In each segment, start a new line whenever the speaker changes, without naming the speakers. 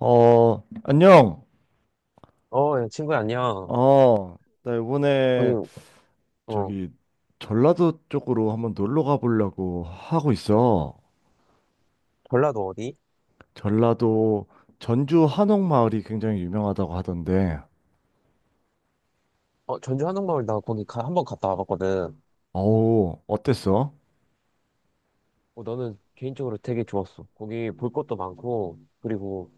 어, 안녕.
어, 야, 친구야, 안녕.
어, 나
아니,
이번에
어,
저기 전라도 쪽으로 한번 놀러 가보려고 하고 있어.
전라도 어디?
전라도 전주 한옥마을이 굉장히 유명하다고 하던데.
어, 전주 한옥마을 나 거기 가, 한번 갔다 와봤거든.
어우, 어땠어?
어, 나는 개인적으로 되게 좋았어. 거기 볼 것도 많고, 그리고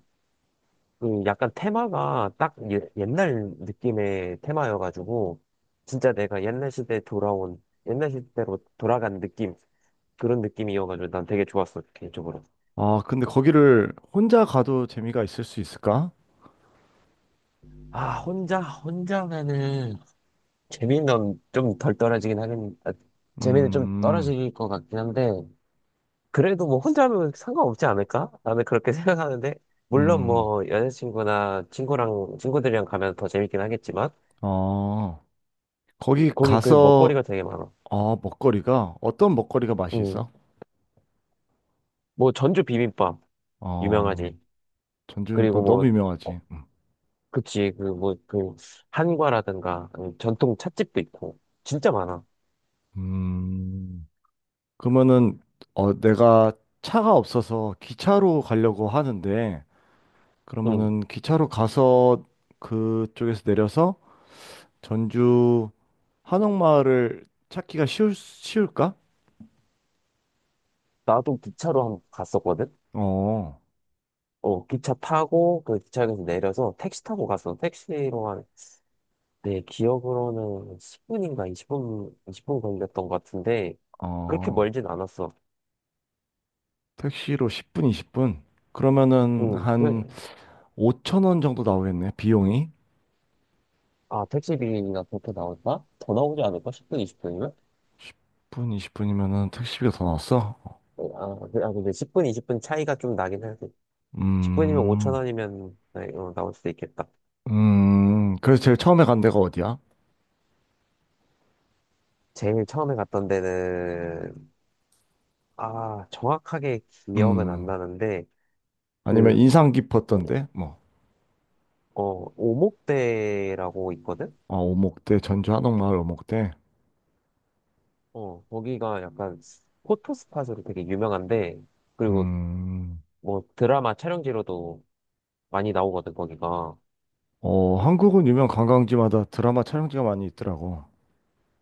그 약간 테마가 딱 예, 옛날 느낌의 테마여가지고, 진짜 내가 옛날 시대에 돌아온, 옛날 시대로 돌아간 느낌, 그런 느낌이어가지고 난 되게 좋았어, 개인적으로.
아, 근데 거기를 혼자 가도 재미가 있을 수 있을까?
아, 혼자면은, 재미는 좀 덜 떨어지긴 하겠, 아, 재미는 좀
음,
떨어질 것 같긴 한데, 그래도 뭐 혼자 하면 상관없지 않을까? 나는 그렇게 생각하는데, 물론
음,
뭐 여자친구나 친구들이랑 가면 더 재밌긴 하겠지만,
어, 거기
거기 그
가서,
먹거리가 되게 많아.
어, 먹거리가, 어떤 먹거리가 맛이
음,
있어?
뭐 전주 비빔밥,
어,
유명하지.
전주김밥
그리고 뭐,
너무
어,
유명하지.
그치, 그 뭐, 그 한과라든가, 아니면 전통 찻집도 있고, 진짜 많아.
음. 그러면은 어 내가 차가 없어서 기차로 가려고 하는데
음,
그러면은 기차로 가서 그쪽에서 내려서 전주 한옥마을을 찾기가 쉬울까?
나도 기차로 한번 갔었거든?
어.
어, 기차 타고, 그 기차역에서 내려서 택시 타고 갔어. 택시로 한 내 기억으로는 10분인가 20분 걸렸던 것 같은데, 그렇게
어.
멀진 않았어.
택시로 10분, 20분. 그러면은
응, 그,
한 5천 원 정도 나오겠네. 비용이.
아, 택시비가 그렇게 나올까? 더 나오지 않을까? 10분, 20분이면?
10분, 20분이면은 택시비가 더 나왔어.
아, 근데 10분, 20분 차이가 좀 나긴 하지. 10분이면 5천
음.
원이면 네, 어, 나올 수도 있겠다.
음. 그래서 제일 처음에 간 데가 어디야?
제일 처음에 갔던 데는, 아, 정확하게 기억은 안
음.
나는데,
아니면
그,
인상 깊었던데? 뭐.
어, 오목대라고 있거든?
아, 오목대, 전주 한옥마을 오목대.
어, 거기가 약간 포토 스팟으로 되게 유명한데, 그리고
음,
뭐 드라마 촬영지로도 많이 나오거든, 거기가.
어, 한국은 유명 관광지마다 드라마 촬영지가 많이 있더라고.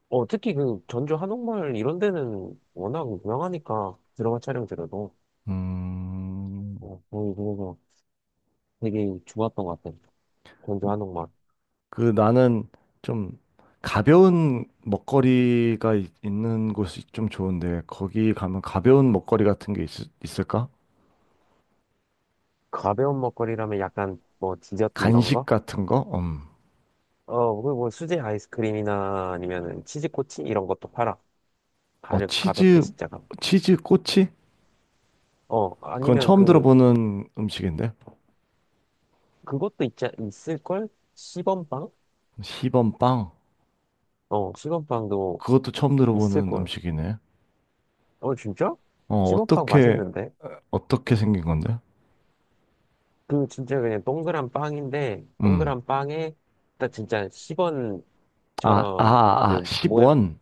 어, 특히 그 전주 한옥마을 이런 데는 워낙 유명하니까 드라마 촬영지로도.
음,
어, 거기 그래서 되게 좋았던 것 같아. 전주 한옥마을.
그 나는 좀 가벼운 먹거리가 는 곳이 좀 좋은데, 거기 가면 가벼운 먹거리 같은 게 있을까?
가벼운 먹거리라면 약간 뭐 디저트 이런
간식
거?
같은 거? 음.
어, 그리고 뭐 수제 아이스크림이나 아니면은 치즈코치 이런 것도 팔아.
어,
가볍게 진짜 가.
치즈 꼬치?
어,
그건
아니면
처음
그,
들어보는 음식인데.
그것도 있자, 있을걸? 시범빵?
시범빵?
어, 시범빵도
그것도 처음 들어보는
있을걸.
음식이네.
어, 진짜?
어,
시범빵
어떻게
맛있는데?
어떻게 생긴 건데?
그 진짜 그냥 동그란 빵인데
음.
동그란 빵에 딱 진짜 10원처럼
아, 아, 아,
그 모양
10원.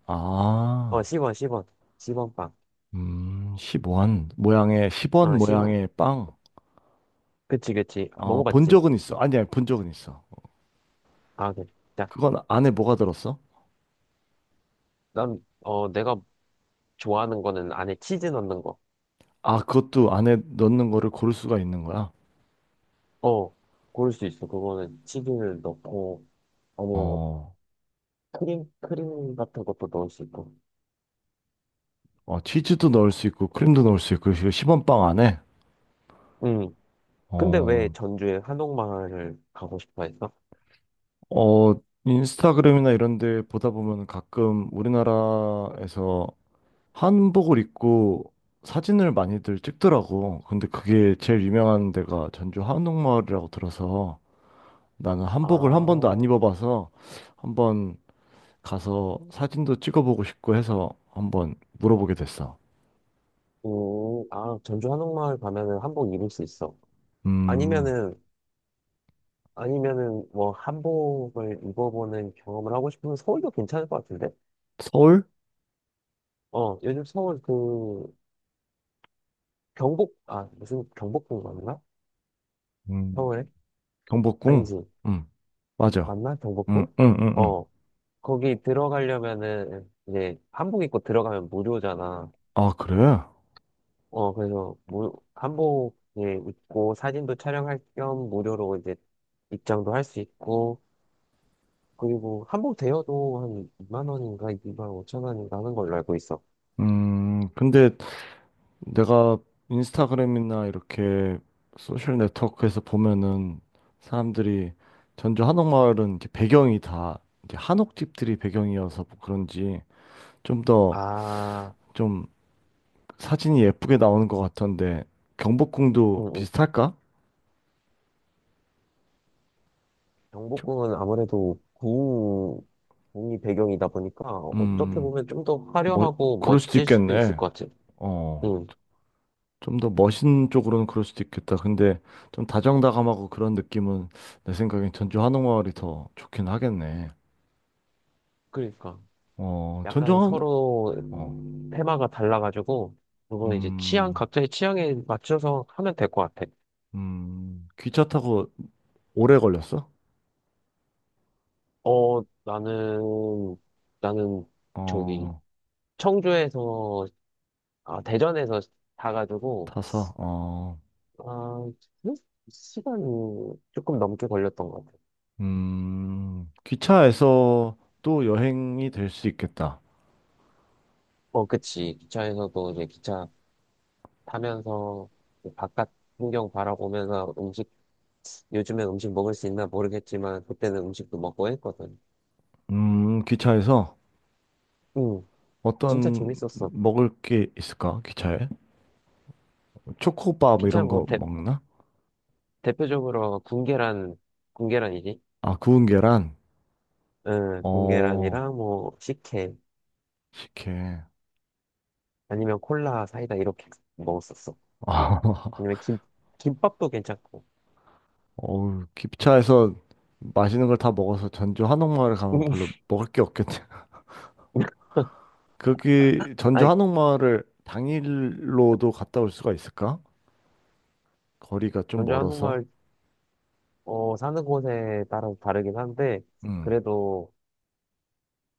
어
아,
10원 10원 10원 빵.
십원 모양의, 10원
어 10원.
모양의 빵.
그치 그치.
아, 본
먹어봤지?
적은 있어. 아니, 아니, 본 적은 있어.
아 그래. 자,
그건 안에 뭐가 들었어?
난 어 내가 좋아하는 거는 안에 치즈 넣는 거.
아, 그것도 안에 넣는 거를 고를 수가 있는 거야.
어 고를 수 있어. 그거는 치즈를 넣고 아니면 뭐
어,
크림 같은 것도 넣을 수 있고.
어, 치즈도 넣을 수 있고, 크림도 넣을 수 있고, 10원 빵 안에.
음. 근데 왜
어,
전주에 한옥마을을 가고 싶어 했어?
어, 인스타그램이나 이런 데 보다 보면 가끔 우리나라에서 한복을 입고 사진을 많이들 찍더라고. 근데 그게 제일 유명한 데가 전주 한옥마을이라고 들어서 나는
아.
한복을 한 번도 안 입어봐서 한번 가서 사진도 찍어보고 싶고 해서 한번 물어보게 됐어.
아, 전주 한옥마을 가면은 한복 입을 수 있어.
음,
아니면은, 아니면은 뭐 한복을 입어보는 경험을 하고 싶으면 서울도 괜찮을 것 같은데?
서울?
어, 요즘 서울 그 경복, 아, 무슨 경복궁 맞나?
음,
서울에?
경복궁?
아니지.
음, 맞아.
맞나?
음,
경복궁?
음, 음, 음.
어, 거기 들어가려면은 이제 한복 입고 들어가면 무료잖아.
아, 그래?
어, 그래서 무, 한복 예, 입고 사진도 촬영할 겸 무료로 이제 입장도 할 수 있고, 그리고 한복 대여도 한 2만 원인가 2만 5천 원인가 하는 걸로 알고 있어.
근데 내가 인스타그램이나 이렇게 소셜 네트워크에서 보면은 사람들이 전주 한옥마을은 이제 배경이 다 이제 한옥집들이 배경이어서 뭐 그런지 좀 더
아,
좀 사진이 예쁘게 나오는 것 같던데 경복궁도
응, 응.
비슷할까? 겨-
경복궁은 아무래도 궁, 궁이 배경이다 보니까 어떻게
음,
보면 좀 더
뭐
화려하고
그럴 수도
멋질 수도 있을
있겠네.
것 같아.
어,
응,
좀 더 멋있는 쪽으로는 그럴 수도 있겠다. 근데 좀 다정다감하고 그런 느낌은 내 생각엔 전주 한옥마을이 더 좋긴 하겠네.
그러니까.
어, 전주
약간 서로
어,
테마가 달라가지고, 그거는 이제 취향,
음,
각자의 취향에 맞춰서 하면 될 것 같아.
기차 타고 오래 걸렸어?
어, 나는 저기,
어,
청주에서, 아, 대전에서 자가지고,
타서, 어,
아, 그 시간이 조금 넘게 걸렸던 것 같아요.
기차에서 또 여행이 될 수 있겠다.
어, 그치. 기차에서도 이제 기차 타면서 바깥 풍경 바라보면서 음식, 요즘엔 음식 먹을 수 있나 모르겠지만, 그때는 음식도 먹고 했거든.
기차에서
응, 진짜
어떤
재밌었어.
먹을 게 있을까? 기차에? 초코바 뭐
기차
이런 거
뭐 대,
먹나?
대표적으로 군계란, 군계란이지?
아, 구운 계란?
응,
어,
군계란이랑 뭐 식혜,
식혜.
아니면 콜라, 사이다 이렇게 먹었었어.
아,
아니면 김밥도 괜찮고.
어우, 기차에서 맛있는 걸 다 먹어서 전주 한옥마을 가면 별로 먹을 게 없겠네. 거기 전주
아니,
한옥마을을 당일로도 갔다 올 수가 있을까? 거리가 좀
전주
멀어서.
한옥마을 어, 사는 곳에 따라서 다르긴 한데,
음,
그래도,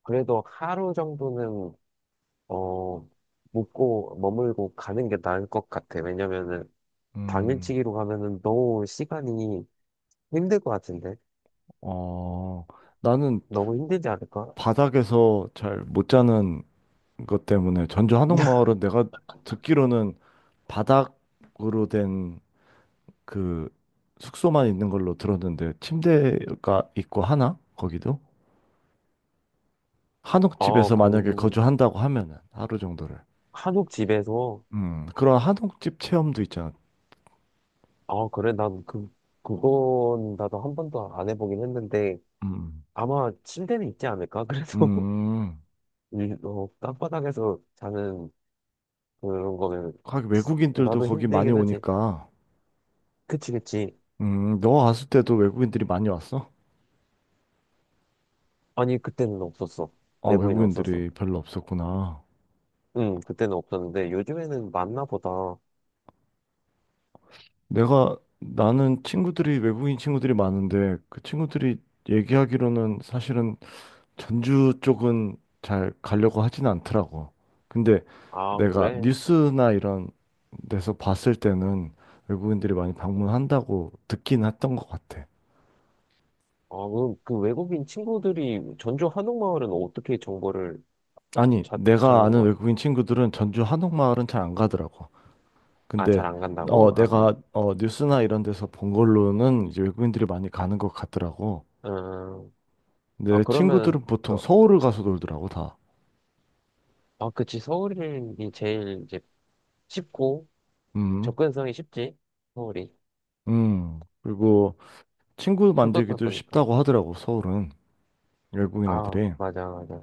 그래도 하루 정도는, 어, 묵고, 머물고 가는 게 나을 것 같아. 왜냐면은,
음,
당일치기로 가면은 너무 시간이 힘들 것 같은데?
어, 나는
너무 힘들지 않을까?
바닥에서 잘 못 자는 것 때문에 전주 한옥마을은 내가 듣기로는 바닥으로 된 그 숙소만 있는 걸로 들었는데 침대가 있고 하나? 거기도?
어,
한옥집에서 만약에
그,
거주한다고 하면은 하루 정도를.
한옥 집에서,
그런 한옥집 체험도 있잖아.
어, 그래, 난 그, 그건 나도 한 번도 안 해보긴 했는데,
음.
아마 침대는 있지 않을까? 그래서,
음.
이, 어, 땅바닥에서 자는 그런 거는,
거기 외국인들도
나도
거기 많이
힘들긴 하지.
오니까.
그치, 그치.
너 왔을 때도 외국인들이 많이 왔어?
아니, 그때는 없었어.
아,
내부에는 없었어.
외국인들이 별로 없었구나.
응, 그때는 없었는데, 요즘에는 많나 보다.
나는 외국인 친구들이 많은데, 그 친구들이 얘기하기로는 사실은 전주 쪽은 잘 가려고 하진 않더라고. 근데
아,
내가
그래?
뉴스나 이런 데서 봤을 때는 외국인들이 많이 방문한다고 듣긴 했던 것 같아.
아, 그, 그 외국인 친구들이 전주 한옥마을은 어떻게 정보를
아니,
찾,
내가
찾는
아는
거야?
외국인 친구들은 전주 한옥마을은 잘 안 가더라고.
아, 잘
근데
안
어
간다고? 아,
내가 어 뉴스나 이런 데서 본 걸로는 이제 외국인들이 많이 가는 것 같더라고.
아, 음, 아,
내 친구들은
그러면,
보통
너,
서울을 가서 놀더라고 다.
아, 그치. 서울이 제일 이제 쉽고,
음.
접근성이 쉽지. 서울이.
음. 그리고 친구
수도다
만들기도
보니까.
쉽다고 하더라고 서울은 외국인
아,
애들이.
맞아, 맞아,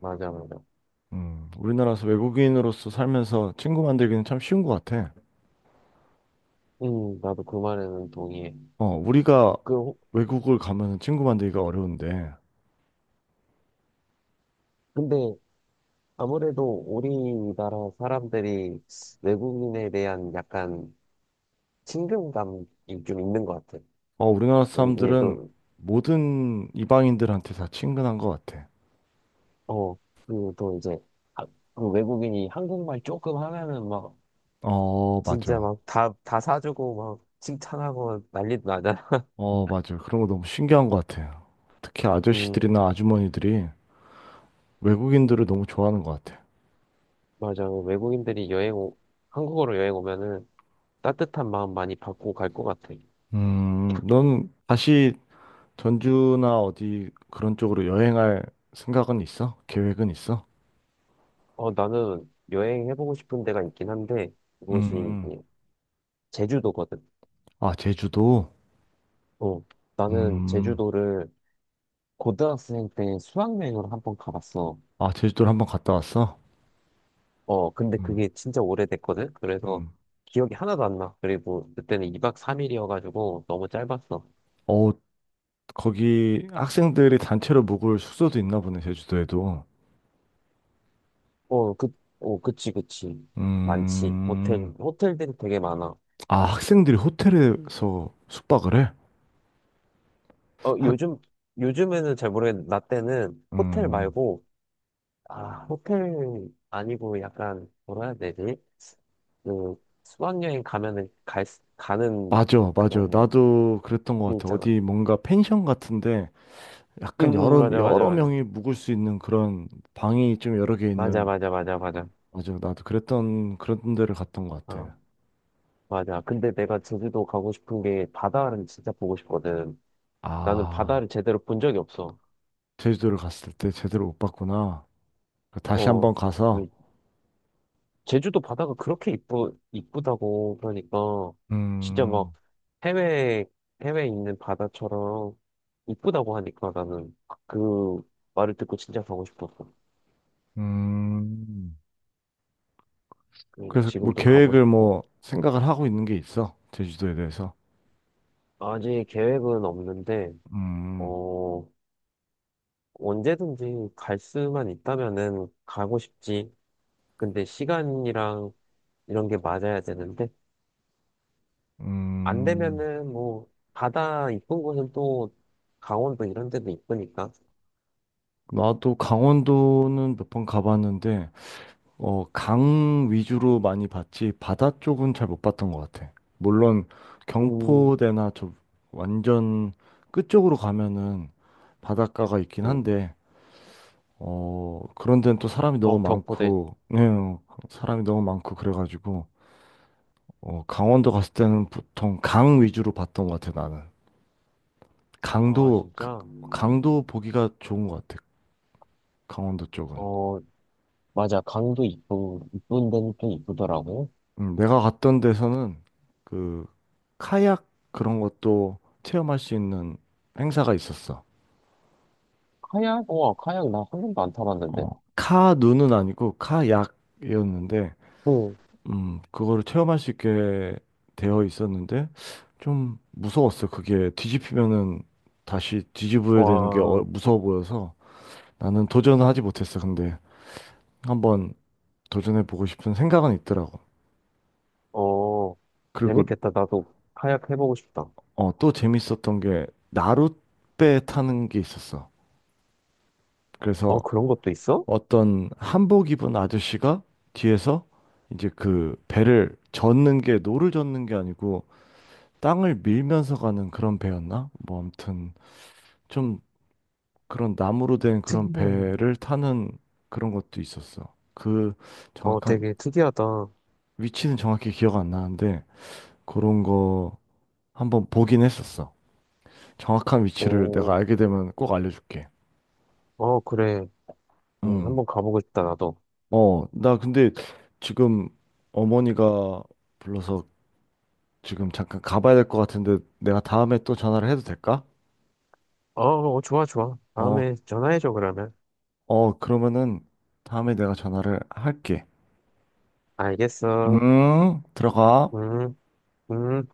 맞아, 맞아. 맞아.
음. 우리나라에서 외국인으로서 살면서 친구 만들기는 참 쉬운 것 같아.
나도 그 말에는 동의해.
어 우리가
그, 호-
외국을 가면 친구 만들기가 어려운데
근데 아무래도 우리나라 사람들이 외국인에 대한 약간 친근감이 좀 있는 것 같아.
어 우리나라
이게
사람들은
또,
모든 이방인들한테 다 친근한 것 같아.
어, 그리고 또 이제, 아, 그 외국인이 한국말 조금 하면은 막,
어
진짜
맞아.
막 다 사주고 막 칭찬하고 난리도 나잖아.
어, 맞아요. 그런 거 너무 신기한 것 같아요. 특히
음,
아저씨들이나 아주머니들이 외국인들을 너무 좋아하는 것 같아요.
맞아. 외국인들이 여행, 오, 한국으로 여행 오면은 따뜻한 마음 많이 받고 갈 것 같아.
넌 다시 전주나 어디 그런 쪽으로 여행할 생각은 있어? 계획은 있어?
어, 나는 여행해보고 싶은 데가 있긴 한데, 그곳이
음,
이제 제주도거든.
아, 제주도?
어, 나는
음,
제주도를 고등학생 때 수학여행으로 한번 가봤어.
아, 제주도를 한번 갔다 왔어?
어, 근데
음,
그게 진짜 오래됐거든? 그래서
음.
기억이 하나도 안 나. 그리고 그때는 2박 3일이어가지고 너무 짧았어.
어, 거기 학생들이 단체로 묵을 숙소도 있나 보네, 제주도에도.
어, 그, 어, 그치, 그치. 많지. 호텔,
음,
호텔들이 되게 많아.
아, 학생들이 호텔에서 숙박을 해?
어,
학,
요즘에는 잘 모르겠는데, 나 때는 호텔
음.
말고, 아, 호텔 아니고 약간, 뭐라 해야 되지? 그, 수학여행 가면은 갈, 수- 가는
맞아, 맞아.
그런
나도 그랬던 것
게
같아.
있잖아.
어디 뭔가 펜션 같은데
응,
약간
응,
여러,
맞아, 맞아,
여러
맞아.
명이 묵을 수 있는 그런 방이 좀 여러 개
맞아,
있는,
맞아, 맞아, 맞아.
맞아. 나도 그랬던, 그런 데를 갔던 것
어,
같아.
맞아. 근데 내가 제주도 가고 싶은 게 바다를 진짜 보고 싶거든. 나는
아,
바다를 제대로 본 적이 없어.
제주도를 갔을 때 제대로 못 봤구나. 다시
어,
한번 가서,
왜 제주도 바다가 그렇게 이쁘다고 그러니까 진짜 막
음,
해외, 해외에 있는 바다처럼 이쁘다고 하니까 나는 그 말을 듣고 진짜 가고 싶었어.
음. 그래서 뭐
지금도 가고
계획을
싶고.
뭐 생각을 하고 있는 게 있어. 제주도에 대해서.
아직 계획은 없는데,
음,
어, 언제든지 갈 수만 있다면은 가고 싶지. 근데 시간이랑 이런 게 맞아야 되는데, 안
음.
되면은 뭐, 바다 이쁜 곳은 또 강원도 이런 데도 이쁘니까.
나도 강원도는 몇 번 가봤는데, 어, 강 위주로 많이 봤지, 바다 쪽은 잘 못 봤던 것 같아. 물론,
음,
경포대나 저 완전 끝쪽으로 가면은 바닷가가 있긴
음.
한데, 어, 그런 데는 또 사람이 너무
어, 경포대.
많고, 네, 어, 사람이 너무 많고, 그래가지고, 어, 강원도 갔을 때는 보통 강 위주로 봤던 것 같아, 나는.
아,
강도, 가-
진짜?
강도 보기가 좋은 것 같아, 강원도 쪽은.
어, 맞아. 강도 이쁜 데는 또 이쁘더라고.
내가 갔던 데서는 그 카약 그런 것도 체험할 수 있는 행사가 있었어.
카약? 와, 카약 나 한 번도 안 타봤는데.
어, 카누는 아니고 카약이었는데,
응.
그거를 체험할 수 있게 되어 있었는데 좀 무서웠어. 그게 뒤집히면은 다시 뒤집어야 되는 게 어-
와,
무서워 보여서 나는 도전을 하지 못했어. 근데 한번 도전해 보고 싶은 생각은 있더라고.
어,
그리고
재밌겠다. 나도 카약 해보고 싶다.
어, 또 재밌었던 게 나룻배 타는 게 있었어.
어,
그래서
그런 것도 있어?
어떤 한복 입은 아저씨가 뒤에서 이제 그 배를 젓는 게 노를 젓는 게 아니고 땅을 밀면서 가는 그런 배였나? 뭐 아무튼 좀 그런 나무로 된 그런
특이한
배를 타는 그런 것도 있었어. 그
어,
정확한
되게 특이하다. 어,
위치는 정확히 기억 안 나는데 그런 거 한번 보긴 했었어. 정확한 위치를 내가 알게 되면 꼭 알려줄게.
어, 그래.
응.
한번 가보고 싶다, 나도.
어, 나 근데 지금 어머니가 불러서 지금 잠깐 가봐야 될 것 같은데 내가 다음에 또 전화를 해도 될까?
어, 어, 좋아, 좋아.
어,
다음에 전화해줘, 그러면.
어, 그러면은 다음에 내가 전화를 할게.
알겠어.
들어가.
음, 음.